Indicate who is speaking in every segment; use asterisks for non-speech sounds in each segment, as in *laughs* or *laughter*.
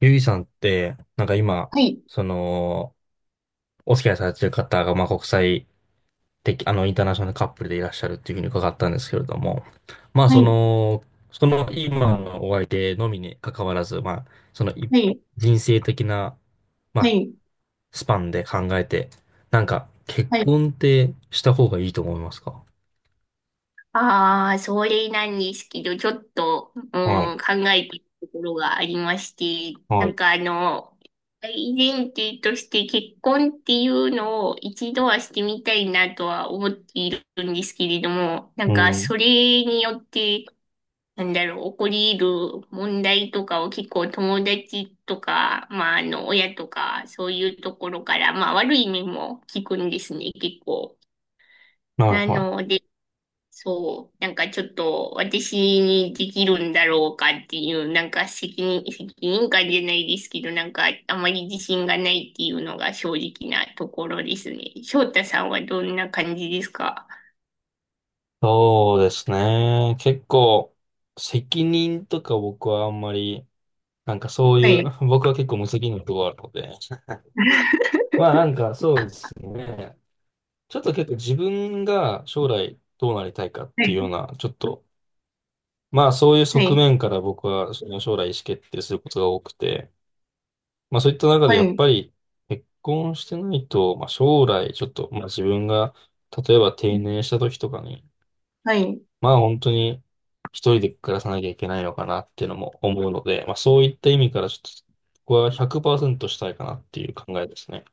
Speaker 1: ゆいさんって、なんか今、
Speaker 2: はい、
Speaker 1: その、お付き合いされてる方が、まあ、国際的、インターナショナルカップルでいらっしゃるっていうふうに伺ったんですけれども、まあ、
Speaker 2: は
Speaker 1: そ
Speaker 2: い、
Speaker 1: の、その今のお相手のみに関わらず、まあ、そのい
Speaker 2: はい、
Speaker 1: 人生的な、ま
Speaker 2: は
Speaker 1: あ、
Speaker 2: い、
Speaker 1: スパンで考えて、なんか、結
Speaker 2: はい。
Speaker 1: 婚ってした方がいいと思いますか？
Speaker 2: ああ、それなんですけど、ちょっと、うん、
Speaker 1: はい、
Speaker 2: 考えているところがありまして、
Speaker 1: は
Speaker 2: なん
Speaker 1: い、
Speaker 2: か大前提として結婚っていうのを一度はしてみたいなとは思っているんですけれども、な
Speaker 1: う
Speaker 2: んか
Speaker 1: ん、
Speaker 2: それによって、なんだろう、起こり得る問題とかを結構友達とか、まあ親とか、そういうところから、まあ悪い面も聞くんですね、結構。
Speaker 1: は
Speaker 2: な
Speaker 1: い、は
Speaker 2: の
Speaker 1: い。
Speaker 2: で、そう、なんかちょっと私にできるんだろうかっていう、なんか責任感じゃないですけど、なんかあまり自信がないっていうのが正直なところですね。翔太さんはどんな感じですか？
Speaker 1: そうですね。結構、責任とか僕はあんまり、なんかそう
Speaker 2: は
Speaker 1: いう、
Speaker 2: い、
Speaker 1: *laughs* 僕は結構無責任なところがあるので、まあなんかそうですね。ちょっと結構自分が将来どうなりたいかっ
Speaker 2: は
Speaker 1: ていう
Speaker 2: い、
Speaker 1: ような、ちょっと、まあそういう
Speaker 2: は
Speaker 1: 側
Speaker 2: い、
Speaker 1: 面から僕はその将来意思決定することが多くて、まあそういった中で
Speaker 2: は
Speaker 1: やっ
Speaker 2: い、
Speaker 1: ぱり結婚してないと、まあ将来ちょっと、まあ自分が例えば定年した時とかに、
Speaker 2: はい。
Speaker 1: まあ本当に一人で暮らさなきゃいけないのかなっていうのも思うので、まあそういった意味からちょっと、ここは100%したいかなっていう考えですね。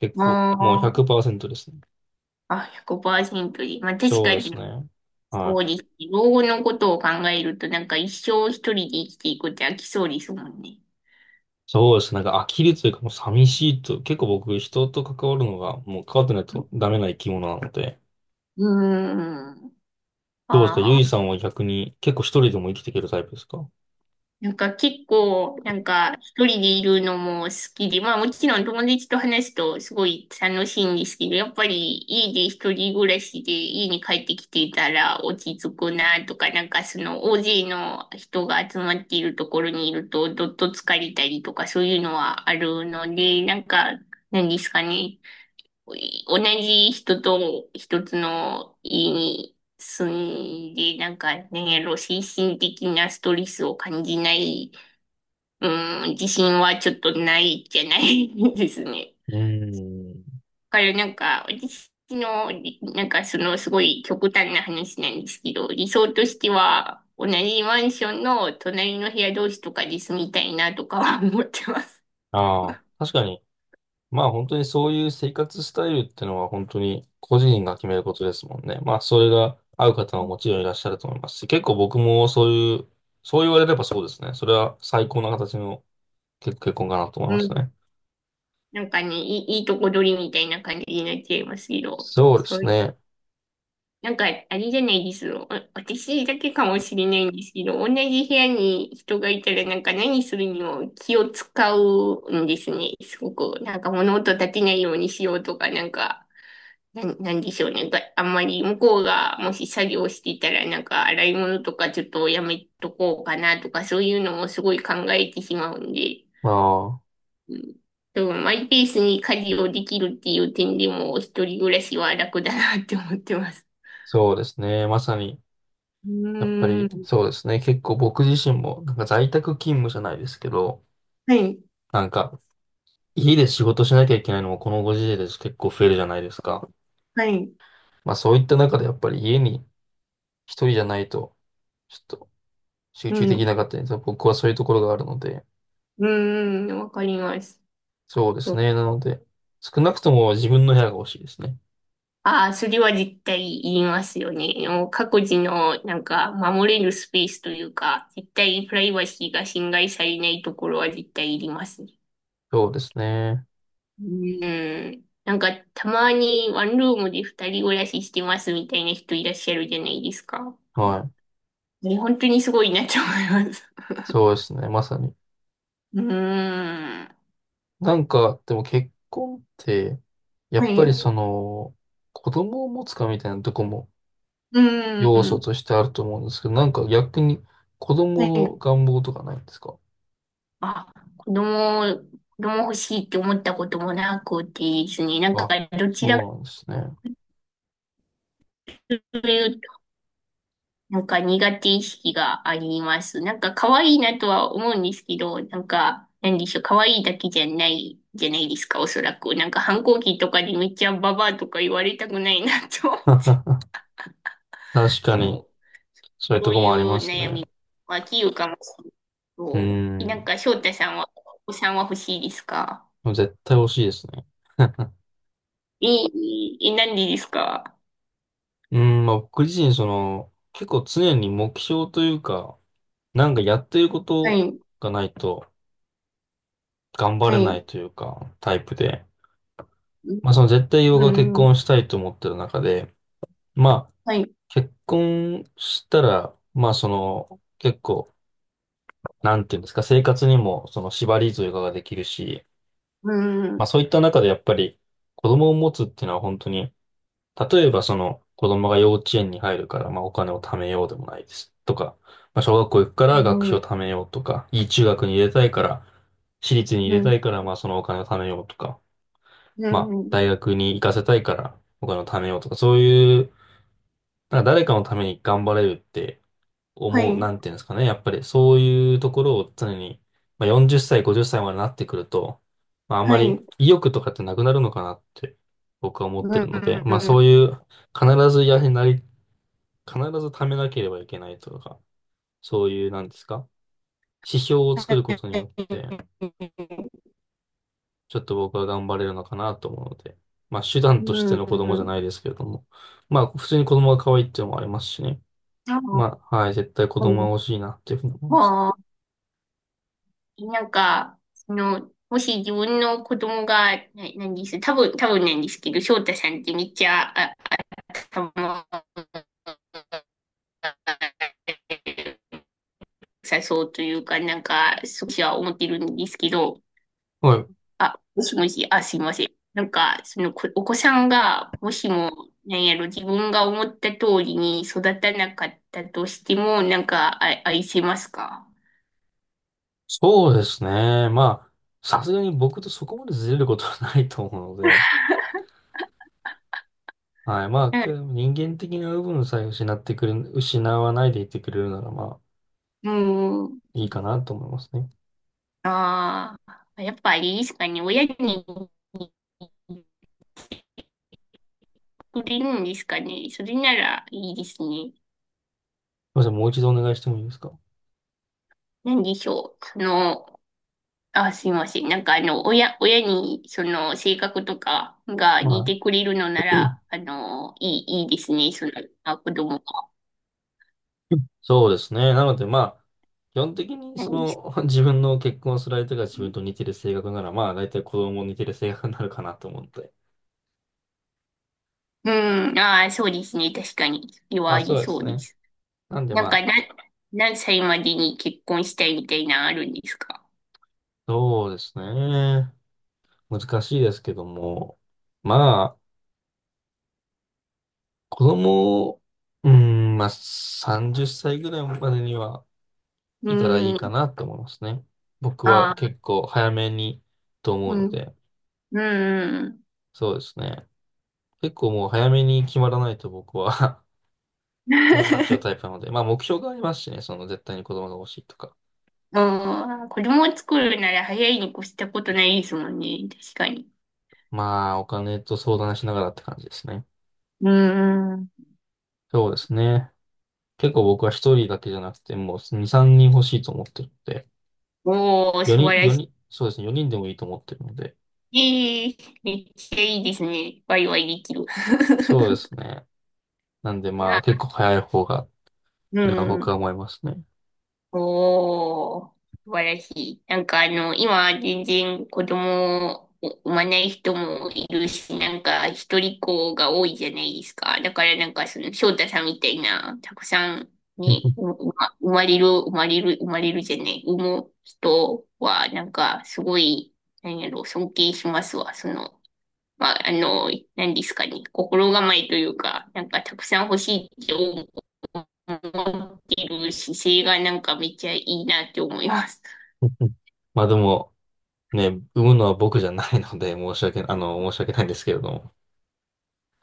Speaker 1: 結
Speaker 2: あ
Speaker 1: 構、もう100%ですね。
Speaker 2: あ、あ、100%で。まあ確
Speaker 1: そう
Speaker 2: か
Speaker 1: です
Speaker 2: に、
Speaker 1: ね。は
Speaker 2: そ
Speaker 1: い。
Speaker 2: うです。老後のことを考えると、なんか一生一人で生きていくって飽きそうですもんね。
Speaker 1: そうですね。なんか呆るというかもう寂しいと、結構僕人と関わるのがもう関わってないとダメな生き物なので、
Speaker 2: うーん。
Speaker 1: どうですかゆ
Speaker 2: あ。
Speaker 1: いさんは逆に結構一人でも生きていけるタイプですか？
Speaker 2: なんか結構、なんか一人でいるのも好きで、まあもちろん友達と話すとすごい楽しいんですけど、やっぱり家で一人暮らしで家に帰ってきてたら落ち着くなとか、なんかその大勢の人が集まっているところにいるとどっと疲れたりとかそういうのはあるので、なんか何ですかね、同じ人と一つの家に住んで、なんか、ね、やろ、精神的なストレスを感じないうーん、自信はちょっとないじゃないですね。
Speaker 1: ーん。
Speaker 2: *laughs* だからなんか、私の、なんかそのすごい極端な話なんですけど、理想としては、同じマンションの隣の部屋同士とかで住みたいなとかは思ってます。
Speaker 1: ああ、確かに。まあ本当にそういう生活スタイルってのは本当に個人が決めることですもんね。まあそれが合う方ももちろんいらっしゃると思いますし、結構僕もそういう、そう言われればそうですね。それは最高な形の結婚かなと思い
Speaker 2: う
Speaker 1: ます
Speaker 2: ん。
Speaker 1: ね。
Speaker 2: なんかね、*laughs* いいとこ取りみたいな感じになっちゃいますけど、
Speaker 1: そうで
Speaker 2: そう
Speaker 1: すね。
Speaker 2: なんか、あれじゃないですよ。あ私だけかもしれないんですけど、同じ部屋に人がいたら、なんか何するにも気を使うんですね。すごく。なんか物音立てないようにしようとか、なんか、なんでしょうね。があんまり向こうがもし作業していたら、なんか洗い物とかちょっとやめとこうかなとか、そういうのもすごい考えてしまうんで。
Speaker 1: まあ、
Speaker 2: うんでもマイペースに家事をできるっていう点でも、一人暮らしは楽だなって思ってます。
Speaker 1: そうですね。まさに、
Speaker 2: う
Speaker 1: やっぱ
Speaker 2: ー
Speaker 1: り
Speaker 2: ん。
Speaker 1: そうですね。結構僕自身もなんか在宅勤務じゃないですけど、
Speaker 2: はい、
Speaker 1: なんか家で仕事しなきゃいけないのもこのご時世です結構増えるじゃないですか。
Speaker 2: はい、
Speaker 1: まあそういった中でやっぱり家に一人じゃないと、ちょっと集
Speaker 2: う
Speaker 1: 中
Speaker 2: ん、
Speaker 1: でき
Speaker 2: う
Speaker 1: なかったりとか、僕はそういうところがあるので、
Speaker 2: ーん、うんわかります。
Speaker 1: そうですね。なので、少なくとも自分の部屋が欲しいですね。
Speaker 2: ああそれは絶対言いますよね。もう各自の、なんか、守れるスペースというか、絶対プライバシーが侵害されないところは絶対いりますね。
Speaker 1: そうですね。
Speaker 2: うん。なんか、たまにワンルームで二人暮らししてますみたいな人いらっしゃるじゃないですか。
Speaker 1: はい。
Speaker 2: ね、本当にすごいなと思います。
Speaker 1: そうですね。まさに。
Speaker 2: うーん。
Speaker 1: なんか、でも結婚って、や
Speaker 2: は
Speaker 1: っぱり
Speaker 2: い。う
Speaker 1: その、子供を持つかみたいなとこも
Speaker 2: ー
Speaker 1: 要素と
Speaker 2: ん。
Speaker 1: してあると思うんですけど、なんか逆に子
Speaker 2: は
Speaker 1: 供
Speaker 2: い。
Speaker 1: の願望とかないんですか？
Speaker 2: あ、子供欲しいって思ったこともなくてですね、なんか
Speaker 1: あ、
Speaker 2: どちら
Speaker 1: そ
Speaker 2: か
Speaker 1: うなんですね。
Speaker 2: というと、なんか苦手意識があります。なんか可愛いなとは思うんですけど、なんか、なんでしょう、可愛いだけじゃないじゃないですか、おそらく。なんか反抗期とかでめっちゃババアとか言われたくないなと思って。
Speaker 1: *laughs* 確か
Speaker 2: そ
Speaker 1: に、
Speaker 2: う、
Speaker 1: そういう
Speaker 2: そ
Speaker 1: と
Speaker 2: う
Speaker 1: こ
Speaker 2: い
Speaker 1: もあり
Speaker 2: う
Speaker 1: ます
Speaker 2: 悩み。
Speaker 1: ね。
Speaker 2: まあ、器用かもしれない。
Speaker 1: う
Speaker 2: そう。なん
Speaker 1: ん。
Speaker 2: か翔太さんは、お子さんは欲しいですか？
Speaker 1: 絶対欲しいですね。*laughs*
Speaker 2: ええ、え、なんでですか？
Speaker 1: うん、まあ僕自身、結構常に目標というか、なんかやってるこ
Speaker 2: は
Speaker 1: と
Speaker 2: い。
Speaker 1: がないと頑張
Speaker 2: は
Speaker 1: れない
Speaker 2: い。
Speaker 1: というか、タイプで。まあそ
Speaker 2: う
Speaker 1: の絶対僕が結
Speaker 2: ん、うん、
Speaker 1: 婚したいと思ってる中で、まあ
Speaker 2: はい、
Speaker 1: 結婚したら、まあその、結構、なんていうんですか、生活にもその縛りというかができるし、
Speaker 2: うん、
Speaker 1: まあ
Speaker 2: う
Speaker 1: そういった中でやっぱり子供を持つっていうのは本当に例えばその子供が幼稚園に入るから、まあ、お金を貯めようでもないです。とか、まあ、小学校行くから学費を
Speaker 2: ん、
Speaker 1: 貯めようとか、いい中学に入れたいから、私立に入
Speaker 2: う
Speaker 1: れた
Speaker 2: ん、
Speaker 1: いから、まあ、そのお金を貯めようとか、
Speaker 2: う
Speaker 1: まあ、大
Speaker 2: ん、
Speaker 1: 学に行かせたいからお金を貯めようとか、そういう、なんか誰かのために頑張れるって
Speaker 2: は
Speaker 1: 思う、な
Speaker 2: い、
Speaker 1: んていうんですかね。やっぱりそういうところを常に、まあ、40歳、50歳までなってくると、まあ、あん
Speaker 2: は
Speaker 1: まり
Speaker 2: い、
Speaker 1: 意欲とかってなくなるのかなって僕は思
Speaker 2: う
Speaker 1: ってる
Speaker 2: ん、
Speaker 1: ので、まあ
Speaker 2: は
Speaker 1: そういう、必ずやはりなり、必ず貯めなければいけないとか、そういう、なんですか、指標を作ることによって、
Speaker 2: い、
Speaker 1: ちょっと僕は頑張れるのかなと思うので、まあ手段
Speaker 2: う
Speaker 1: としての子供じゃ
Speaker 2: ん、
Speaker 1: ないですけれども、まあ普通に子供が可愛いっていうのもありますしね。
Speaker 2: あ、
Speaker 1: まあ、はい、絶対子
Speaker 2: はい、
Speaker 1: 供は欲しいなっていうふうに思います。
Speaker 2: あ、なんか、その、もし自分の子供が、な、なんです、多分なんですけど、翔太さんってめっちゃ、あ、頭が良さそうというか、なんか、少しは思ってるんですけど、
Speaker 1: はい。
Speaker 2: あ、もしもし、あ、すいません。なんか、そのこ、お子さんが、もしも、なんやろ、自分が思った通りに育たなかったとしても、なんか、あ、愛せますか？
Speaker 1: そうですね。まあ、さすがに僕とそこまでずれることはないと思うので、はい。まあ、
Speaker 2: う
Speaker 1: け
Speaker 2: ん。
Speaker 1: ど人間的な部分さえ失ってくれ、失わないでいてくれるなら、まあ、
Speaker 2: うーん。
Speaker 1: いいかなと思いますね。す
Speaker 2: ああ、やっぱあれですかね。親にくれるんですかね。それならいいですね。
Speaker 1: みません、もう一度お願いしてもいいですか？
Speaker 2: なんでしょう。その、あ、すいません。なんか親に、その、性格とかが
Speaker 1: は
Speaker 2: 似てくれるのな
Speaker 1: い。
Speaker 2: ら、いいですね。その、あ、子供が。
Speaker 1: *clears throat* そうですね。なので、まあ、基本的に、
Speaker 2: 何です
Speaker 1: *laughs* 自分の結婚する相手が自分
Speaker 2: ね
Speaker 1: と似てる性格なら、まあ、大体子供も似てる性格になるかなと思って。
Speaker 2: うん、ああ、そうですね。確かに。それは
Speaker 1: まあ、
Speaker 2: あ
Speaker 1: そ
Speaker 2: り
Speaker 1: うで
Speaker 2: そ
Speaker 1: す
Speaker 2: うで
Speaker 1: ね。
Speaker 2: す。
Speaker 1: なんで、
Speaker 2: な
Speaker 1: ま
Speaker 2: んか、
Speaker 1: あ、
Speaker 2: 何歳までに結婚したいみたいなのあるんですか？
Speaker 1: そうですね。難しいですけども、まあ、子供を、まあ、30歳ぐらいまでには
Speaker 2: う
Speaker 1: いたらいいか
Speaker 2: ん、
Speaker 1: なと思いますね。僕
Speaker 2: あ
Speaker 1: は
Speaker 2: あ、
Speaker 1: 結構早めにと思う
Speaker 2: う
Speaker 1: の
Speaker 2: ん、
Speaker 1: で、
Speaker 2: うん、うん。
Speaker 1: そうですね。結構もう早めに決まらないと僕は *laughs* 不安になっちゃうタイプな
Speaker 2: *laughs*
Speaker 1: ので、まあ目標がありますしね、その絶対に子供が欲しいとか。
Speaker 2: うん、子供を作るなら早いに越したことないですもんね。確かに。
Speaker 1: まあお金と相談しながらって感じですね。
Speaker 2: うん。
Speaker 1: そうですね。結構僕は一人だけじゃなくて、もう2、3人欲しいと思ってるので、
Speaker 2: おー、素
Speaker 1: 4
Speaker 2: 晴
Speaker 1: 人、
Speaker 2: らしい。
Speaker 1: 4人、そうですね、4人でもいいと思ってるので、
Speaker 2: ええめっちゃいいですね。ワイワイできる。
Speaker 1: そうで
Speaker 2: *laughs*
Speaker 1: すね。なんで
Speaker 2: い
Speaker 1: まあ
Speaker 2: や、
Speaker 1: 結構早い方が、っ
Speaker 2: う
Speaker 1: てのは
Speaker 2: ん。
Speaker 1: 僕は思いますね。
Speaker 2: おー、素晴らしい。なんか今全然子供を産まない人もいるし、なんか一人っ子が多いじゃないですか。だからなんかその翔太さんみたいな、たくさんね、ううま生まれる、生まれる、生まれるじゃない、産む人はなんかすごい、なんやろ、尊敬しますわ、その。まあ、何ですかね、心構えというか、なんかたくさん欲しいって思ってる姿勢がなんかめっちゃいいなって思います。
Speaker 1: *laughs* まあでも、ね、産むのは僕じゃないので、申し訳ないんですけれども。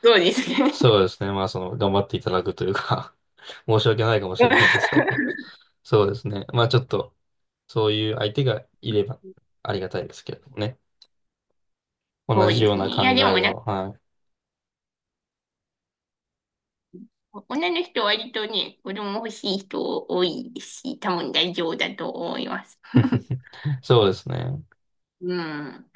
Speaker 2: そうですね。
Speaker 1: そうですね。まあその、頑張っていただくというか *laughs* 申し訳ないかもしれないですけど。
Speaker 2: *laughs*
Speaker 1: そうですね。まあちょっと、そういう相手がいればありがたいですけれどもね。
Speaker 2: そ
Speaker 1: 同
Speaker 2: う
Speaker 1: じ
Speaker 2: で
Speaker 1: よう
Speaker 2: す
Speaker 1: な
Speaker 2: ね。
Speaker 1: 考
Speaker 2: いや、でも
Speaker 1: え
Speaker 2: なんか、
Speaker 1: を、はい。
Speaker 2: 女の人は割とね、子供欲しい人多いですし、多分大丈夫だと思います。*laughs*
Speaker 1: *laughs* そうですね。
Speaker 2: うん。